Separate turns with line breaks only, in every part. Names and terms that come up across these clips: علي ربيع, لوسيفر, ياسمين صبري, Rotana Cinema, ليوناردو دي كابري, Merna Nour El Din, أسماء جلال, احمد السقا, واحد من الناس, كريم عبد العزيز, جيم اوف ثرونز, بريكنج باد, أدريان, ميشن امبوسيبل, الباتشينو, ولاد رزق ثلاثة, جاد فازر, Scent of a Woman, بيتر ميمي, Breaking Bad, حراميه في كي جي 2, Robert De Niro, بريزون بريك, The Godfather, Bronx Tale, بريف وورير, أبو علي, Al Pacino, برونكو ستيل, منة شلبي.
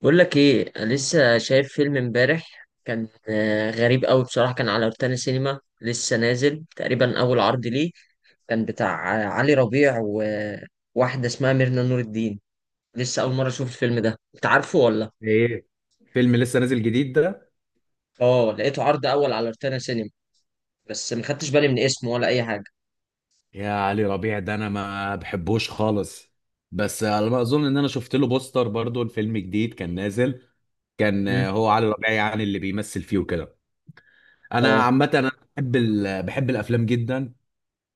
بقول لك ايه، أنا لسه شايف فيلم امبارح. كان غريب قوي بصراحه. كان على روتانا سينما، لسه نازل تقريبا اول عرض ليه. كان بتاع علي ربيع وواحده اسمها ميرنا نور الدين. لسه اول مره اشوف الفيلم ده، انت عارفه ولا؟
ايه. فيلم لسه نازل جديد ده؟
اه، لقيته عرض اول على روتانا سينما. بس ما خدتش بالي من اسمه ولا اي حاجه.
يا علي ربيع ده انا ما بحبوش خالص. بس على ما اظن ان انا شفت له بوستر برضو، الفيلم جديد كان نازل. كان
امم
هو علي ربيع يعني اللي بيمثل فيه وكده. انا
اه.
عامه انا بحب الافلام جدا،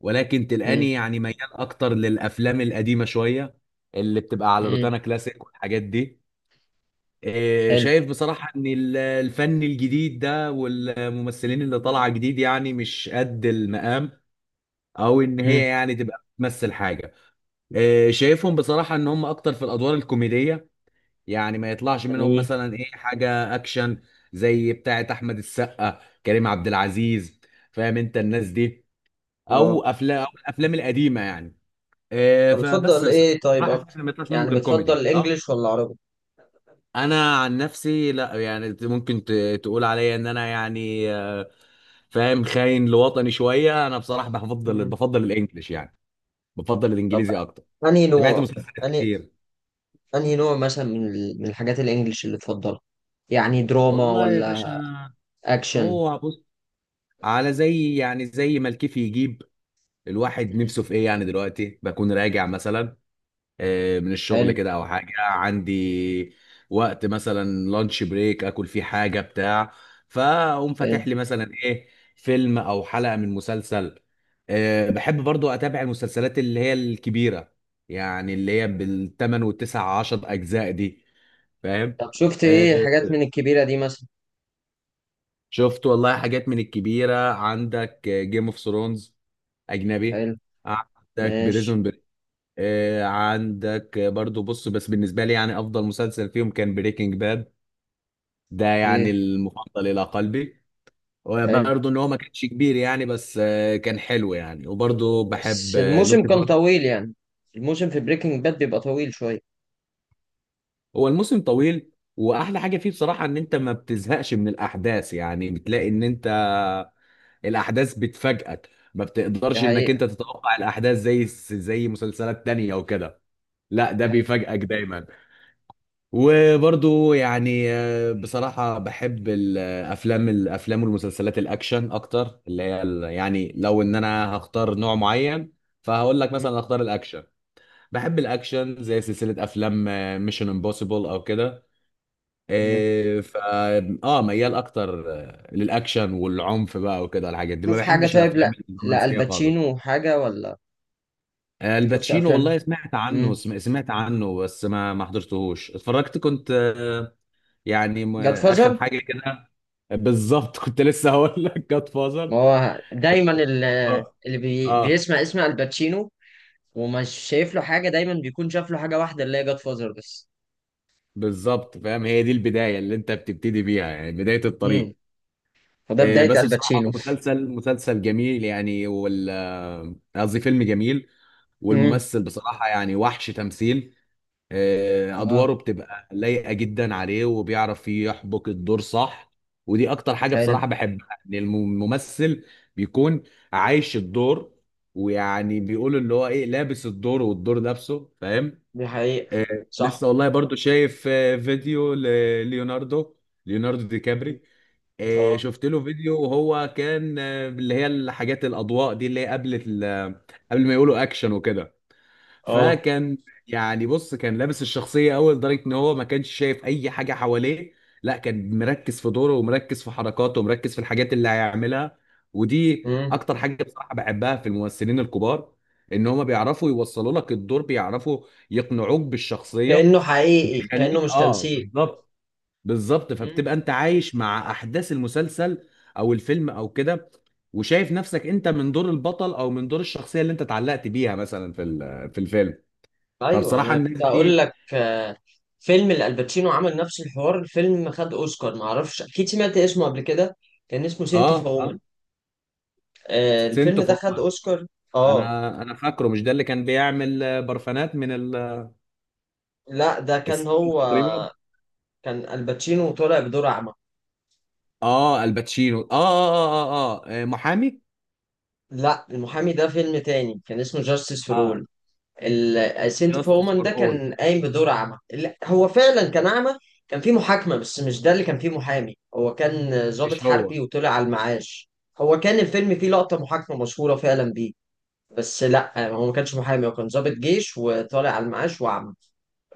ولكن
امم
تلقاني يعني ميال اكتر للافلام القديمه شويه اللي بتبقى على
امم
روتانا كلاسيك والحاجات دي.
حلو.
شايف بصراحه ان الفن الجديد ده والممثلين اللي طالعه جديد يعني مش قد المقام، او ان هي
امم
يعني تبقى بتمثل حاجه. شايفهم بصراحه ان هم اكتر في الادوار الكوميديه، يعني ما يطلعش منهم
جميل.
مثلا ايه حاجه اكشن زي بتاعه احمد السقا، كريم عبد العزيز. فاهم انت الناس دي؟ او
اه،
افلام او الافلام القديمه يعني. آه،
طب
فبس
بتفضل
بس-
ايه طيب
بصراحه شايف
اكتر؟
إن ما يطلعش منهم
يعني
غير
بتفضل
كوميدي. اه.
الانجليش ولا العربي؟
انا عن نفسي لا، يعني ممكن تقول عليا ان انا يعني، فاهم، خاين لوطني شويه. انا بصراحه بفضل الانجليش يعني، بفضل
طب،
الانجليزي اكتر.
انهي
تابعت
نوع؟
مسلسلات
انهي
كتير.
انهي نوع مثلا من من الحاجات الانجليش اللي تفضلها؟ يعني دراما
والله يا باشا،
ولا اكشن؟
هو بص، على زي يعني زي ما الكيف يجيب، الواحد
مم.
نفسه في ايه. يعني دلوقتي بكون راجع مثلا من الشغل
حلو.
كده، او حاجه عندي وقت مثلا لانش بريك، اكل فيه حاجه بتاع، فاقوم
حلو.
فاتح لي مثلا ايه فيلم او حلقه من مسلسل. بحب برضو اتابع المسلسلات اللي هي الكبيره، يعني اللي هي بال8 وال19 اجزاء دي. فاهم.
طب شفت
آه،
ايه حاجات من الكبيرة دي مثلا؟
شفت والله حاجات من الكبيرة، عندك جيم اوف ثرونز، أجنبي،
حلو.
عندك
ماشي.
بريزون بريك، عندك برضو بص، بس بالنسبة لي يعني أفضل مسلسل فيهم كان بريكنج باد. ده يعني
اوكي.
المفضل إلى قلبي.
حلو،
وبرضو إن هو ما كانش كبير يعني، بس كان حلو يعني. وبرضو
بس
بحب
الموسم كان
لوسيفر.
طويل يعني. الموسم في بريكنج باد بيبقى طويل شوية.
هو الموسم طويل، وأحلى حاجة فيه بصراحة إن أنت ما بتزهقش من الأحداث، يعني بتلاقي إن أنت الاحداث بتفاجئك، ما
ده
بتقدرش انك
حقيقة.
انت تتوقع الاحداث زي زي مسلسلات تانية او كده. لا
ده
ده
حقيقة.
بيفاجئك دايما. وبرضو يعني، بصراحة بحب الافلام والمسلسلات الاكشن اكتر، اللي هي يعني لو ان انا هختار نوع معين فهقول لك
مم.
مثلا اختار الاكشن. بحب الاكشن زي سلسلة افلام ميشن امبوسيبل او كده.
مم.
إيه، اه، ميال اكتر للاكشن والعنف بقى وكده الحاجات دي. ما
شوف حاجة،
بحبش
طيب، لا،
الافلام
لا
الرومانسيه خالص.
الباتشينو حاجة ولا؟ شفت
الباتشينو،
افلام.
والله سمعت عنه،
امم
سمعت عنه، بس ما حضرتهوش، اتفرجت كنت يعني
جاد
اخر
فازر.
حاجه كده. بالظبط كنت لسه هقول لك جاد
ما
فازر.
هو دايما
اه.
اللي
آه،
بيسمع اسم الباتشينو ومش شايف له حاجه دايما بيكون شاف له حاجه واحده اللي هي جاد فازر بس.
بالظبط، فاهم، هي دي البدايه اللي انت بتبتدي بيها يعني، بدايه
امم.
الطريق.
فده بدايه
بس
الباتشينو.
بصراحه مسلسل جميل يعني، وال آه، قصدي فيلم جميل.
امم
والممثل بصراحه يعني وحش تمثيل.
اه.
ادواره بتبقى لايقه جدا عليه، وبيعرف يحبك الدور صح. ودي اكتر حاجه
حلو.
بصراحه بحبها، ان الممثل بيكون عايش الدور، ويعني بيقول اللي هو ايه، لابس الدور والدور نفسه، فاهم.
دي حقيقة.
آه. لسه
صح.
والله برضو شايف فيديو لليوناردو، ليوناردو دي كابري. آه
اه.
شفت له فيديو وهو كان اللي هي الحاجات الاضواء دي، اللي هي قبل قبل ما يقولوا اكشن وكده.
اه.
فكان يعني بص كان لابس الشخصية أوي، لدرجة إن هو ما كانش شايف أي حاجة حواليه. لا كان مركز في دوره، ومركز في حركاته، ومركز في الحاجات اللي هيعملها. ودي
امم.
أكتر حاجة بصراحة بحبها في الممثلين الكبار، إن هما بيعرفوا يوصلوا لك الدور، بيعرفوا يقنعوك بالشخصية،
كأنه حقيقي، كأنه
وبيخليك
مش
آه،
تمثيل.
بالظبط. بالظبط.
امم.
فبتبقى أنت عايش مع أحداث المسلسل أو الفيلم أو كده، وشايف نفسك أنت من دور البطل، أو من دور الشخصية اللي أنت اتعلقت بيها مثلا في في الفيلم.
ايوه،
فبصراحه
انا
الناس
كنت هقول
دي.
لك، فيلم الالباتشينو عمل نفس الحوار. الفيلم خد اوسكار، ما اعرفش، اكيد سمعت اسمه قبل كده. كان اسمه سينت اوف
اه
وومن.
اه.
آه، الفيلم
سنتو
ده خد
فورما.
اوسكار. اه.
انا فاكره مش ده اللي كان بيعمل برفانات من
لا، ده كان
الستين
هو.
تقريبا.
كان الباتشينو طالع بدور أعمى.
اه الباتشينو، اه اه اه اه، محامي.
لا، المحامي ده فيلم تاني، كان اسمه جاستس فور
اه.
اول. السنت اوف
جاستس
وومن
فور
ده
اول.
كان قايم بدور أعمى، لا هو فعلا كان أعمى. كان في محاكمة، بس مش ده اللي كان فيه محامي، هو كان ضابط
مش هو.
حربي وطلع على المعاش. هو كان الفيلم فيه لقطة محاكمة مشهورة فعلا بيه. بس لا، هو ما كانش محامي، هو كان ضابط جيش وطالع على المعاش وأعمى.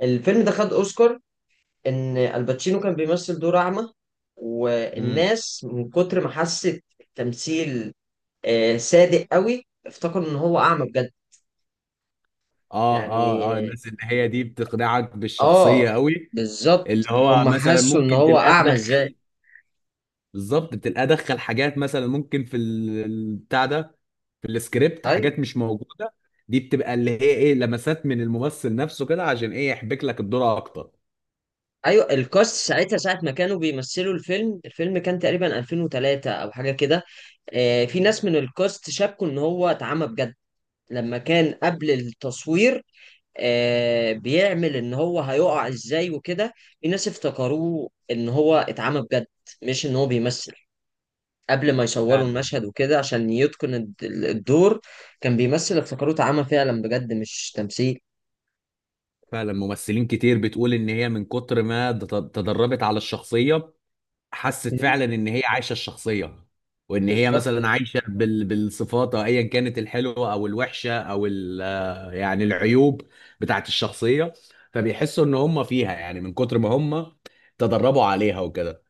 الفيلم ده خد أوسكار، ان الباتشينو كان بيمثل دور اعمى،
امم.
والناس من كتر ما حست التمثيل صادق قوي، افتكروا ان هو اعمى بجد.
اه
يعني
اه اه. الناس اللي هي دي بتقنعك بالشخصيه
اه،
قوي. اللي
بالظبط
هو
هم
مثلا
حسوا ان
ممكن
هو
تلاقيه
اعمى ازاي.
دخل، بالظبط، بتبقى ادخل حاجات مثلا ممكن في البتاع ده، في السكريبت،
ايوه.
حاجات مش موجوده. دي بتبقى اللي هي ايه، لمسات من الممثل نفسه كده، عشان ايه يحبك لك الدور اكتر.
ايوه، الكاست ساعتها، ساعه ما كانوا بيمثلوا الفيلم، الفيلم كان تقريبا 2003 او حاجه كده. في ناس من الكاست شابكوا ان هو اتعمى بجد. لما كان قبل التصوير بيعمل ان هو هيقع ازاي وكده، الناس افتكروه ان هو اتعمى بجد، مش ان هو بيمثل. قبل ما يصوروا
فعلا.
المشهد وكده عشان يتقن الدور كان بيمثل، افتكروه اتعمى فعلا بجد، مش تمثيل.
فعلا، ممثلين كتير بتقول ان هي من كتر ما تدربت على الشخصيه، حست
مم.
فعلا ان هي عايشه الشخصيه، وان هي
بالظبط.
مثلا عايشه بالصفات، أو ايا كانت، الحلوه او الوحشه او ال... يعني العيوب بتاعت الشخصيه. فبيحسوا ان هم فيها يعني، من كتر ما هم تدربوا عليها وكده.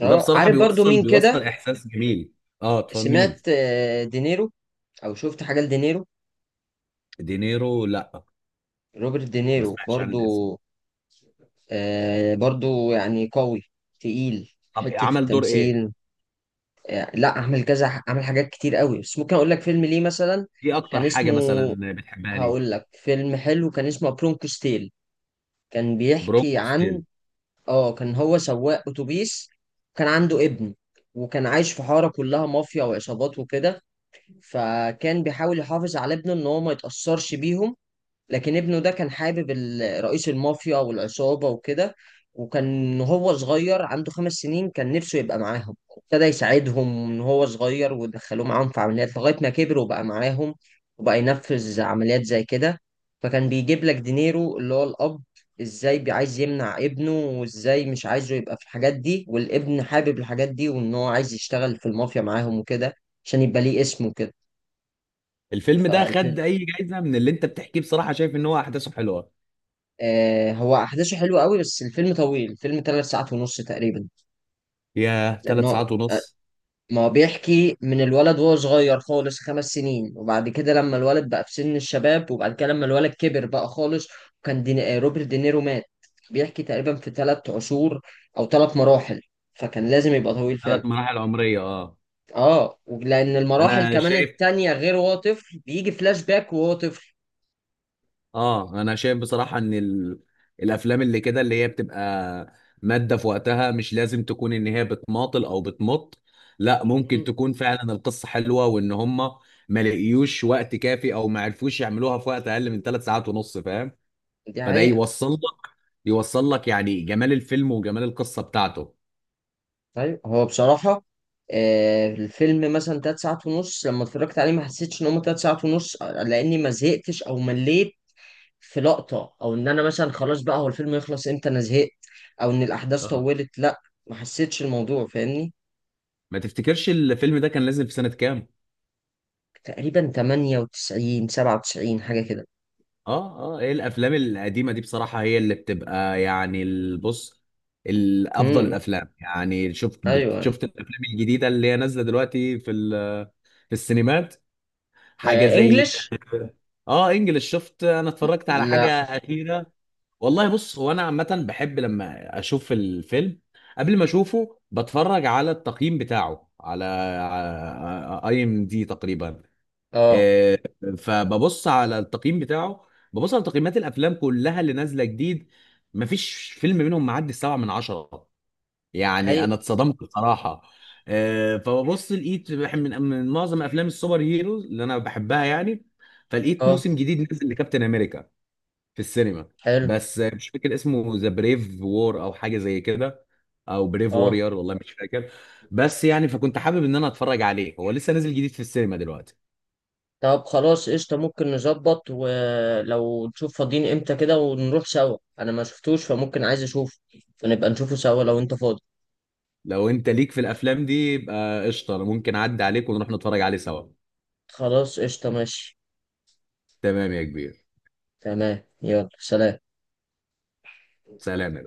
وده
اه
بصراحه
عارف برضو
بيوصل
مين كده؟
بيوصل احساس جميل. اه طب
سمعت
مين؟
دينيرو، او شفت حاجه لدينيرو؟
دينيرو، لا،
روبرت
ما
دينيرو
سمعتش عن
برضو.
الاسم.
آه، برضو يعني قوي، تقيل
طب
حته
عمل دور ايه؟
التمثيل. لا، اعمل كذا، اعمل حاجات كتير قوي، بس ممكن اقول لك فيلم ليه مثلا.
ايه اكتر
كان
حاجه
اسمه،
مثلا بتحبها ليه؟
هقول لك فيلم حلو، كان اسمه برونكوس تيل. كان بيحكي
برونكو
عن،
ستيل.
اه، كان هو سواق اتوبيس، كان عنده ابن، وكان عايش في حارة كلها مافيا وعصابات وكده. فكان بيحاول يحافظ على ابنه ان هو ما يتأثرش بيهم. لكن ابنه ده كان حابب رئيس المافيا والعصابة وكده. وكان هو صغير عنده 5 سنين، كان نفسه يبقى معاهم، ابتدى يساعدهم من هو صغير، ودخلوه معاهم في عمليات لغاية ما كبر وبقى معاهم. وبقى ينفذ عمليات زي كده. فكان بيجيب لك دينيرو اللي هو الأب، ازاي عايز يمنع ابنه، وازاي مش عايزه يبقى في الحاجات دي، والابن حابب الحاجات دي وان هو عايز يشتغل في المافيا معاهم وكده، عشان يبقى ليه اسم
الفيلم ده
وكده.
خد اي جايزه؟ من اللي انت بتحكيه بصراحه شايف ان هو احداثه حلوه.
آه هو احداثه حلوه قوي، بس الفيلم طويل، الفيلم 3 ساعات ونص تقريبا.
يا ثلاث
لانه
ساعات
آه،
ونص
ما هو بيحكي من الولد وهو صغير خالص، 5 سنين، وبعد كده لما الولد بقى في سن الشباب، وبعد كده لما الولد كبر بقى خالص. وكان دين... آه، روبرت دينيرو مات. بيحكي تقريبا في 3 عصور، او 3 مراحل، فكان لازم يبقى طويل فعلا.
ثلاث مراحل عمرية، اه.
اه، لان المراحل
انا
كمان
شايف،
التانية غير وهو طفل بيجي فلاش باك وهو طفل.
اه انا شايف بصراحة ان ال... الافلام اللي كده اللي هي بتبقى مادة في وقتها، مش لازم تكون ان هي بتماطل او بتمط، لا، ممكن
مم.
تكون فعلا القصة حلوة، وان هم ما لقيوش وقت كافي او ما عرفوش يعملوها في وقت اقل من 3 ساعات ونص، فاهم.
دي
فده
حقيقة.
يوصل لك، يعني جمال الفيلم وجمال القصة بتاعته.
طيب هو بصراحة، الفيلم مثلا 3 ساعات ونص، لما اتفرجت عليه ما حسيتش ان هما 3 ساعات ونص، لاني ما زهقتش او مليت في لقطة، او ان انا مثلا خلاص بقى، هو الفيلم يخلص امتى، انا زهقت، او ان الاحداث
اه.
طولت، لا، ما حسيتش الموضوع، فاهمني.
ما تفتكرش الفيلم ده كان نازل في سنة كام؟
تقريبا 98 97 حاجة كده.
اه اه، ايه الافلام القديمه دي بصراحه هي اللي بتبقى يعني الافضل
امم.
الافلام، يعني شفت
ايوه.
شفت الافلام الجديده اللي هي نازله دلوقتي في في السينمات؟ حاجه
آه
زي،
انجلش.
اه انجلش؟ شفت، انا اتفرجت على حاجه
لا.
اخيره. والله بص، هو انا عامه بحب لما اشوف الفيلم، قبل ما اشوفه بتفرج على التقييم بتاعه على IMDb تقريبا.
اه.
آه، فببص على التقييم بتاعه، ببص على تقييمات الافلام كلها اللي نازله جديد، مفيش فيلم منهم معدي 7 من 10. يعني
هي.
انا اتصدمت بصراحه. فببص لقيت من معظم افلام السوبر هيروز اللي انا بحبها يعني، فلقيت
اه.
موسم جديد نزل لكابتن امريكا في السينما،
حلو.
بس مش فاكر اسمه، ذا بريف وور او حاجه زي كده، او بريف
اه
وورير، والله مش فاكر. بس يعني فكنت حابب ان انا اتفرج عليه، هو لسه نازل جديد في السينما دلوقتي.
طب خلاص، قشطة، ممكن نظبط ولو نشوف فاضيين امتى كده ونروح سوا، انا ما شفتوش فممكن عايز اشوفه، فنبقى نشوفه سوا لو انت فاضي.
لو انت ليك في الافلام دي يبقى قشطه، أنا ممكن اعدي عليك ونروح نتفرج عليه سوا.
خلاص، قشطة، ماشي.
تمام يا كبير.
تمام، يلا، سلام.
سلام يا